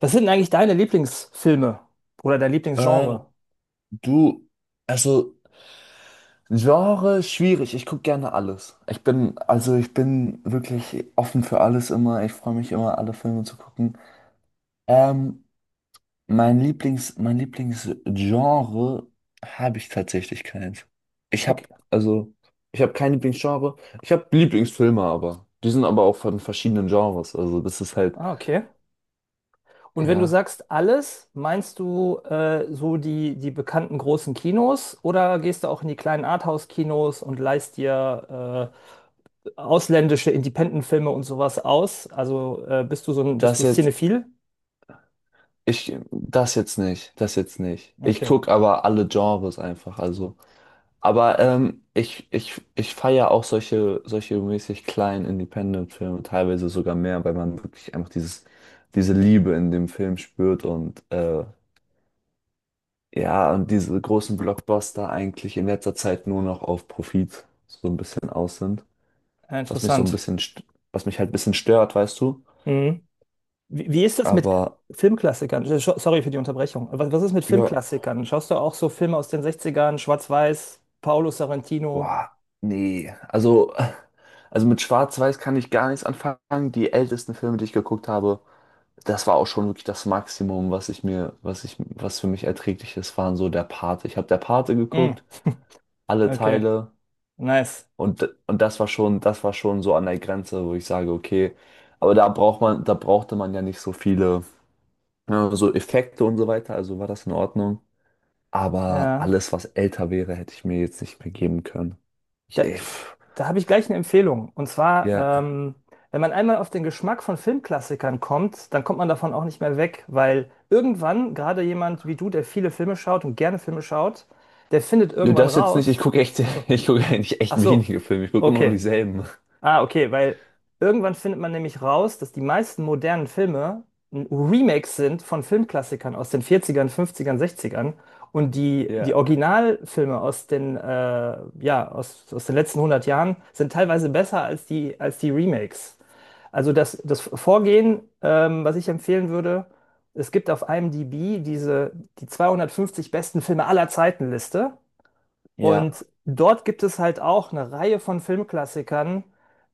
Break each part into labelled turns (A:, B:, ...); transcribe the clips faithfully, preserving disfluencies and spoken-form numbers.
A: Was sind denn eigentlich deine Lieblingsfilme oder dein
B: Äh,
A: Lieblingsgenre?
B: du, also Genre schwierig. Ich gucke gerne alles. Ich bin, also ich bin wirklich offen für alles immer. Ich freue mich immer, alle Filme zu gucken. Ähm, mein Lieblings, mein Lieblingsgenre habe ich tatsächlich keins. Ich
A: Okay.
B: habe, also ich habe kein Lieblingsgenre. Ich habe Lieblingsfilme, aber die sind aber auch von verschiedenen Genres. Also das ist halt,
A: Ah, okay. Und wenn du
B: ja,
A: sagst alles, meinst du äh, so die, die bekannten großen Kinos oder gehst du auch in die kleinen Arthouse-Kinos und leihst dir äh, ausländische Independent-Filme und sowas aus? Also äh, bist du so ein, bist
B: das
A: du
B: jetzt,
A: cinephil?
B: ich, das jetzt nicht, das jetzt nicht. Ich
A: Okay,
B: gucke aber alle Genres einfach. Also aber ähm, ich, ich, ich feiere auch solche, solche mäßig kleinen Independent-Filme, teilweise sogar mehr, weil man wirklich einfach dieses, diese Liebe in dem Film spürt, und äh, ja, und diese großen Blockbuster eigentlich in letzter Zeit nur noch auf Profit so ein bisschen aus sind.
A: ja,
B: Was mich so ein
A: interessant.
B: bisschen, st- Was mich halt ein bisschen stört, weißt du.
A: Mhm. Wie, wie ist das mit
B: Aber
A: Filmklassikern? Äh, scho- Sorry für die Unterbrechung. Was, was ist mit
B: ja,
A: Filmklassikern? Schaust du auch so Filme aus den Sechzigern, ern Schwarz-Weiß, Paolo Sorrentino?
B: boah, nee. Also, also mit Schwarz-Weiß kann ich gar nichts anfangen. Die ältesten Filme, die ich geguckt habe, das war auch schon wirklich das Maximum, was ich mir, was ich, was für mich erträglich ist, waren so der Pate. Ich habe der Pate
A: Mm,
B: geguckt, alle
A: okay,
B: Teile,
A: nice.
B: und, und das war schon, das war schon so an der Grenze, wo ich sage, okay, aber da braucht man, da brauchte man ja nicht so viele, ne, so Effekte und so weiter, also war das in Ordnung. Aber
A: Ja,
B: alles, was älter wäre, hätte ich mir jetzt nicht mehr geben können. Ich,
A: da, da habe ich gleich eine Empfehlung. Und zwar,
B: ja.
A: ähm, wenn man einmal auf den Geschmack von Filmklassikern kommt, dann kommt man davon auch nicht mehr weg, weil irgendwann, gerade jemand wie du, der viele Filme schaut und gerne Filme schaut, der findet
B: Nö,
A: irgendwann
B: das jetzt nicht. Ich
A: raus.
B: gucke echt,
A: Ach so.
B: ich gucke eigentlich
A: Ach
B: echt
A: so.
B: wenige Filme. Ich gucke immer nur
A: Okay.
B: dieselben.
A: Ah, okay, weil irgendwann findet man nämlich raus, dass die meisten modernen Filme ein Remake sind von Filmklassikern aus den vierzigern, fünfzigern, sechzigern und die, die
B: Ja.
A: Originalfilme aus den, äh, ja, aus, aus den letzten hundert Jahren sind teilweise besser als die, als die Remakes. Also das, das Vorgehen, ähm, was ich empfehlen würde, es gibt auf IMDb diese, die zweihundertfünfzig besten Filme aller Zeiten Liste.
B: Ja.
A: Und dort gibt es halt auch eine Reihe von Filmklassikern,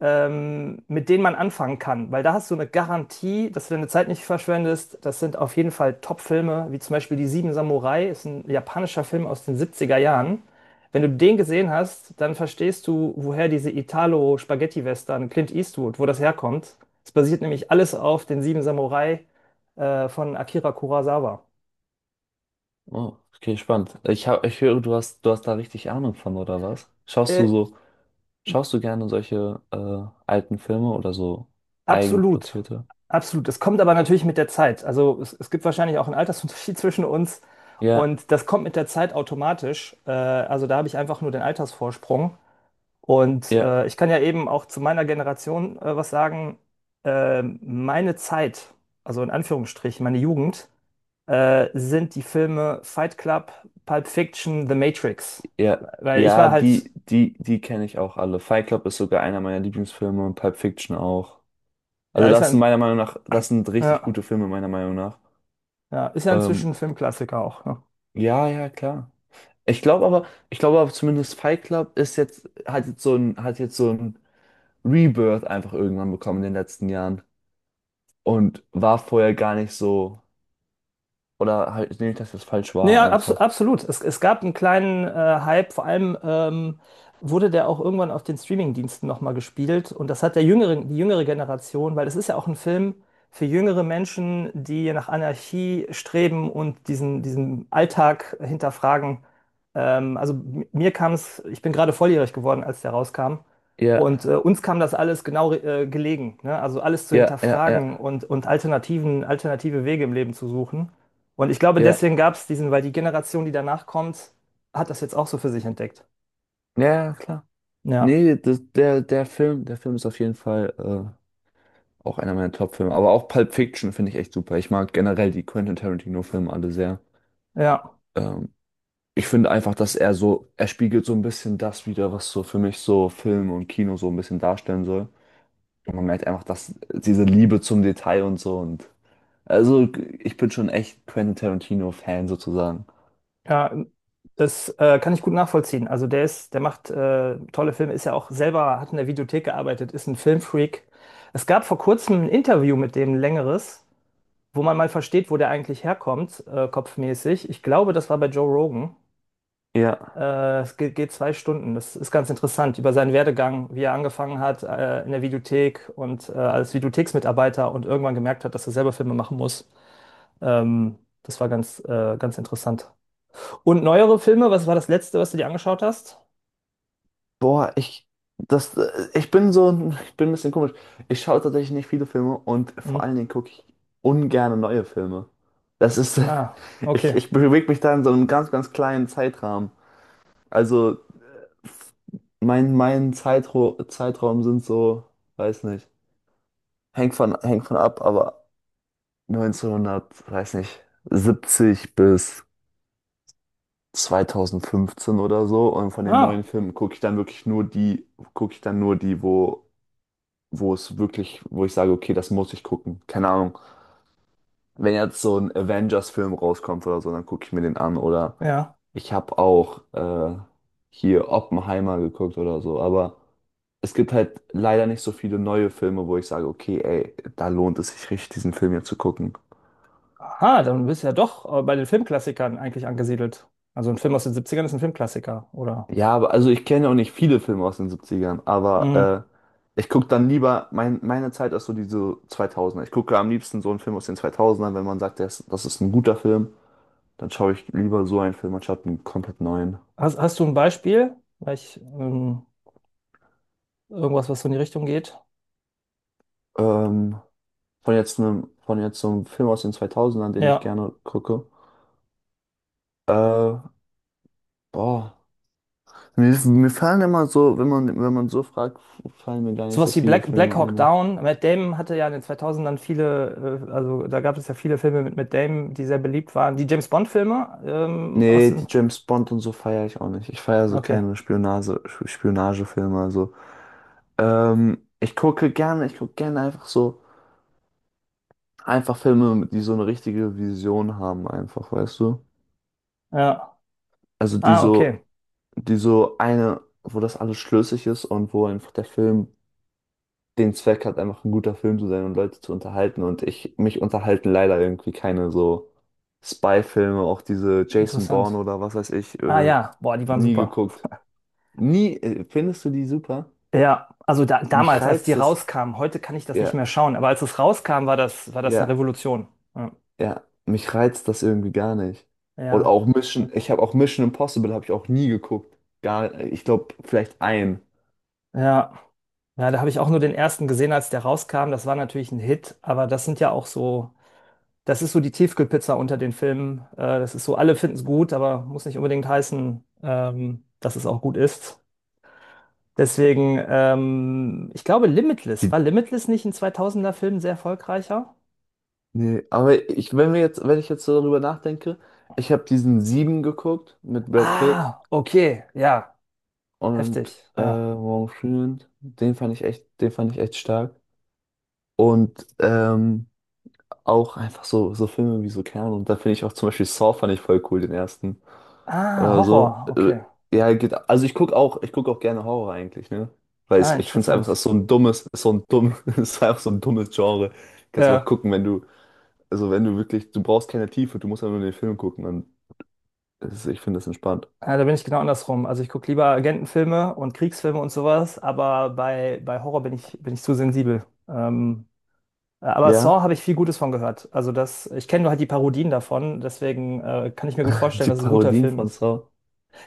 A: ähm, mit denen man anfangen kann, weil da hast du eine Garantie, dass du deine Zeit nicht verschwendest. Das sind auf jeden Fall Top-Filme, wie zum Beispiel Die Sieben Samurai, ist ein japanischer Film aus den siebziger Jahren. Wenn du den gesehen hast, dann verstehst du, woher diese Italo-Spaghetti-Western Clint Eastwood, wo das herkommt. Es basiert nämlich alles auf den Sieben Samurai, äh, von Akira Kurosawa.
B: Oh, okay, spannend. Ich hab, ich höre, du hast, du hast da richtig Ahnung von, oder was? Schaust
A: Äh,
B: du so, schaust du gerne solche äh, alten Filme oder so
A: Absolut,
B: eigenproduzierte?
A: absolut. Es kommt aber natürlich mit der Zeit. Also es, es gibt wahrscheinlich auch einen Altersunterschied zwischen uns
B: Ja,
A: und das kommt mit der Zeit automatisch. Äh, also da habe ich einfach nur den Altersvorsprung. Und
B: ja,
A: äh, ich kann ja eben auch zu meiner Generation äh, was sagen. Äh, meine Zeit, also in Anführungsstrichen, meine Jugend, äh, sind die Filme Fight Club, Pulp Fiction, The Matrix.
B: ja.
A: Weil ich
B: Ja,
A: war halt,
B: die, die, die kenne ich auch alle. Fight Club ist sogar einer meiner Lieblingsfilme, und Pulp Fiction auch.
A: ja,
B: Also
A: ist ja,
B: das sind
A: ein,
B: meiner Meinung nach, das sind richtig
A: ja,
B: gute Filme meiner Meinung nach.
A: ja, ist ja inzwischen
B: Ähm,
A: ein Filmklassiker auch, ne?
B: Ja, ja, klar. Ich glaube aber, ich glaube aber zumindest Fight Club ist jetzt, hat jetzt so ein, hat jetzt so ein Rebirth einfach irgendwann bekommen in den letzten Jahren. Und war vorher gar nicht so. Oder halt nee, nicht, dass das falsch
A: Nee,
B: war
A: Ja, abs
B: einfach.
A: absolut. Es, es gab einen kleinen äh, Hype, vor allem ähm, wurde der auch irgendwann auf den Streaming-Diensten nochmal gespielt. Und das hat der jüngere, die jüngere Generation, weil es ist ja auch ein Film für jüngere Menschen, die nach Anarchie streben und diesen, diesen Alltag hinterfragen. Ähm, also m- mir kam es, ich bin gerade volljährig geworden, als der rauskam.
B: Ja,
A: Und äh, uns kam das alles genau äh, gelegen, ne? Also alles zu
B: ja, ja,
A: hinterfragen
B: ja,
A: und, und Alternativen, alternative Wege im Leben zu suchen. Und ich glaube,
B: ja.
A: deswegen gab es diesen, weil die Generation, die danach kommt, hat das jetzt auch so für sich entdeckt.
B: Ja, ja, klar.
A: Ja,
B: Nee, das, der, der Film, der Film ist auf jeden Fall äh, auch einer meiner Top-Filme. Aber auch Pulp Fiction finde ich echt super. Ich mag generell die Quentin Tarantino-Filme alle sehr.
A: ja,
B: Ähm, Ich finde einfach, dass er so, er spiegelt so ein bisschen das wider, was so für mich so Film und Kino so ein bisschen darstellen soll. Und man merkt einfach, dass diese Liebe zum Detail und so, und also ich bin schon echt Quentin Tarantino-Fan sozusagen.
A: ja, das äh, kann ich gut nachvollziehen. Also der ist, der macht äh, tolle Filme, ist ja auch selber, hat in der Videothek gearbeitet, ist ein Filmfreak. Es gab vor kurzem ein Interview mit dem, ein längeres, wo man mal versteht, wo der eigentlich herkommt, äh, kopfmäßig. Ich glaube, das war bei Joe Rogan.
B: Ja.
A: Äh, es geht, geht zwei Stunden. Das ist ganz interessant über seinen Werdegang, wie er angefangen hat äh, in der Videothek und äh, als Videotheksmitarbeiter und irgendwann gemerkt hat, dass er selber Filme machen muss. Ähm, das war ganz, äh, ganz interessant. Und neuere Filme, was war das letzte, was du dir angeschaut hast?
B: Boah, ich das äh, ich bin so ein- ich bin ein bisschen komisch. Ich schaue tatsächlich nicht viele Filme, und
A: Hm.
B: vor allen Dingen gucke ich ungerne neue Filme. Das ist,
A: Ah,
B: ich
A: okay.
B: ich bewege mich da in so einem ganz ganz kleinen Zeitrahmen. Also mein, mein Zeitro Zeitraum sind so, weiß nicht, hängt von, hängt von ab, aber neunzehnhundert, weiß nicht, siebzig bis zweitausendfünfzehn oder so. Und von den neuen
A: Ah,
B: Filmen gucke ich dann wirklich nur die, gucke ich dann nur die, wo, wo es wirklich, wo ich sage, okay, das muss ich gucken. Keine Ahnung. Wenn jetzt so ein Avengers-Film rauskommt oder so, dann gucke ich mir den an. Oder
A: ja.
B: ich habe auch äh, hier Oppenheimer geguckt oder so, aber es gibt halt leider nicht so viele neue Filme, wo ich sage, okay, ey, da lohnt es sich richtig, diesen Film hier zu gucken.
A: Aha, dann bist du ja doch äh, bei den Filmklassikern eigentlich angesiedelt. Also ein Film aus den Siebzigern ist ein Filmklassiker, oder?
B: Ja, aber also ich kenne ja auch nicht viele Filme aus den siebzigern,
A: Hm.
B: aber äh, ich gucke dann lieber, mein, meine Zeit ist so diese zweitausender. Ich gucke am liebsten so einen Film aus den zweitausendern, wenn man sagt, das, das ist ein guter Film, dann schaue ich lieber so einen Film anstatt einen komplett neuen.
A: Hast, hast du ein Beispiel? Vielleicht ähm, irgendwas, was so in die Richtung geht?
B: Ähm, von jetzt einem, von jetzt so einem Film aus den zweitausendern, den ich
A: Ja.
B: gerne gucke. Äh, boah, Mir, mir fallen immer so, wenn man, wenn man so fragt, fallen mir gar nicht so
A: Sowas wie
B: viele
A: Black, Black
B: Filme ein,
A: Hawk
B: ne?
A: Down. Matt Damon hatte ja in den zweitausendern viele, äh, also da gab es ja viele Filme mit Matt Damon, die sehr beliebt waren. Die James Bond-Filme ähm, aus
B: Nee,
A: den.
B: die James Bond und so feiere ich auch nicht. Ich feiere so
A: Okay.
B: keine Spionage, Spionagefilme. Also, ähm, ich gucke gerne, ich gucke gerne einfach so, einfach Filme, die so eine richtige Vision haben, einfach, weißt du?
A: Ja.
B: Also die
A: Ah, okay.
B: so, die so eine, wo das alles schlüssig ist und wo einfach der Film den Zweck hat, einfach ein guter Film zu sein und Leute zu unterhalten. Und ich, mich unterhalten leider irgendwie keine so Spy-Filme, auch diese Jason Bourne
A: Interessant.
B: oder was weiß ich,
A: Ah,
B: äh,
A: ja. Boah, die waren
B: nie
A: super.
B: geguckt. Nie, äh, findest du die super?
A: Ja, also da,
B: Mich
A: damals, als die
B: reizt das,
A: rauskamen, heute kann ich das nicht
B: ja,
A: mehr schauen, aber als es rauskam, war das, war das eine
B: ja,
A: Revolution. Ja.
B: ja, mich reizt das irgendwie gar nicht. Und
A: Ja.
B: auch Mission, ich habe auch Mission Impossible habe ich auch nie geguckt. Gar, äh, ich glaube, vielleicht ein.
A: Ja, ja, da habe ich auch nur den ersten gesehen, als der rauskam. Das war natürlich ein Hit, aber das sind ja auch so. Das ist so die Tiefkühlpizza unter den Filmen. Äh, das ist so, alle finden es gut, aber muss nicht unbedingt heißen, ähm, dass es auch gut ist. Deswegen, ähm, ich glaube, Limitless.
B: Die-
A: War Limitless nicht ein zweitausender Film sehr erfolgreicher?
B: Nee, aber ich, wenn wir jetzt, wenn ich jetzt so darüber nachdenke, ich habe diesen Sieben geguckt mit Brad Pitt
A: Ah, okay, ja,
B: und
A: heftig,
B: äh,
A: ja.
B: Morgan Freeman, den fand ich echt, den fand ich echt stark. Und ähm, auch einfach so, so Filme wie so Kern. Und da finde ich auch zum Beispiel Saw fand ich voll cool, den ersten.
A: Ah,
B: Oder so.
A: Horror,
B: Äh,
A: okay.
B: ja, geht. Also ich gucke auch, ich guck auch gerne Horror eigentlich, ne? Weil
A: Ah,
B: ich, ich finde es einfach, ist
A: interessant.
B: so ein dummes, ist so ein dumm, ist einfach so ein dummes Genre. Kannst du einfach
A: Ja,
B: gucken, wenn du, also wenn du wirklich, du brauchst keine Tiefe, du musst einfach nur den Film gucken. Und es ist, ich finde das entspannt.
A: ja, da bin ich genau andersrum. Also ich gucke lieber Agentenfilme und Kriegsfilme und sowas, aber bei, bei Horror bin ich, bin ich zu sensibel. Ähm, Äh, Aber
B: Ja,
A: Saw habe ich viel Gutes von gehört. Also das, ich kenne nur halt die Parodien davon, deswegen äh, kann ich mir gut vorstellen,
B: die
A: dass es ein guter
B: Parodien
A: Film
B: von
A: ist.
B: Saw.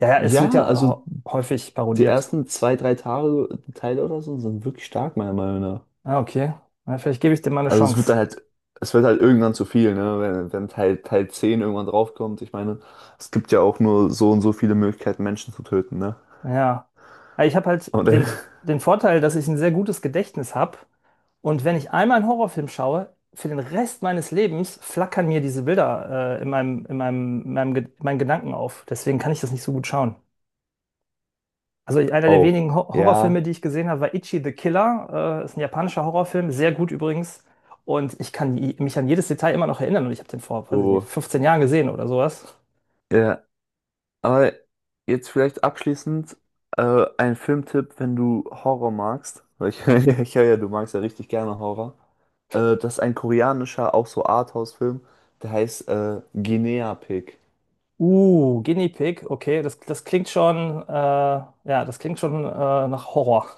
A: Ja, ja, es wird
B: Ja,
A: ja
B: also
A: hau- häufig
B: die
A: parodiert.
B: ersten zwei, drei Tage, Teile oder so sind wirklich stark, meiner Meinung nach.
A: Ah, okay. Na, vielleicht gebe ich dem mal eine
B: Also es wird
A: Chance.
B: dann halt, es wird halt irgendwann zu viel, ne? Wenn, wenn Teil, Teil zehn irgendwann draufkommt. Ich meine, es gibt ja auch nur so und so viele Möglichkeiten, Menschen zu töten, ne?
A: Ja. Aber ich habe halt
B: Und äh,
A: den, den Vorteil, dass ich ein sehr gutes Gedächtnis habe. Und wenn ich einmal einen Horrorfilm schaue, für den Rest meines Lebens flackern mir diese Bilder äh, in meinem, in meinem, in meinem, Ge- in meinen Gedanken auf. Deswegen kann ich das nicht so gut schauen. Also einer der
B: oh,
A: wenigen Ho- Horrorfilme,
B: ja,
A: die ich gesehen habe, war Ichi the Killer. Äh, ist ein japanischer Horrorfilm, sehr gut übrigens. Und ich kann i- mich an jedes Detail immer noch erinnern. Und ich habe den vor, weiß ich nicht,
B: oh,
A: fünfzehn Jahren gesehen oder sowas.
B: ja. Aber jetzt vielleicht abschließend äh, ein Filmtipp, wenn du Horror magst. Weil ich, ich höre ja, du magst ja richtig gerne Horror. Äh, das ist ein koreanischer, auch so Arthouse-Film, der heißt äh, Guinea Pig.
A: Uh, Guinea Pig, okay, das, das klingt schon, äh, ja, das klingt schon äh, nach Horror.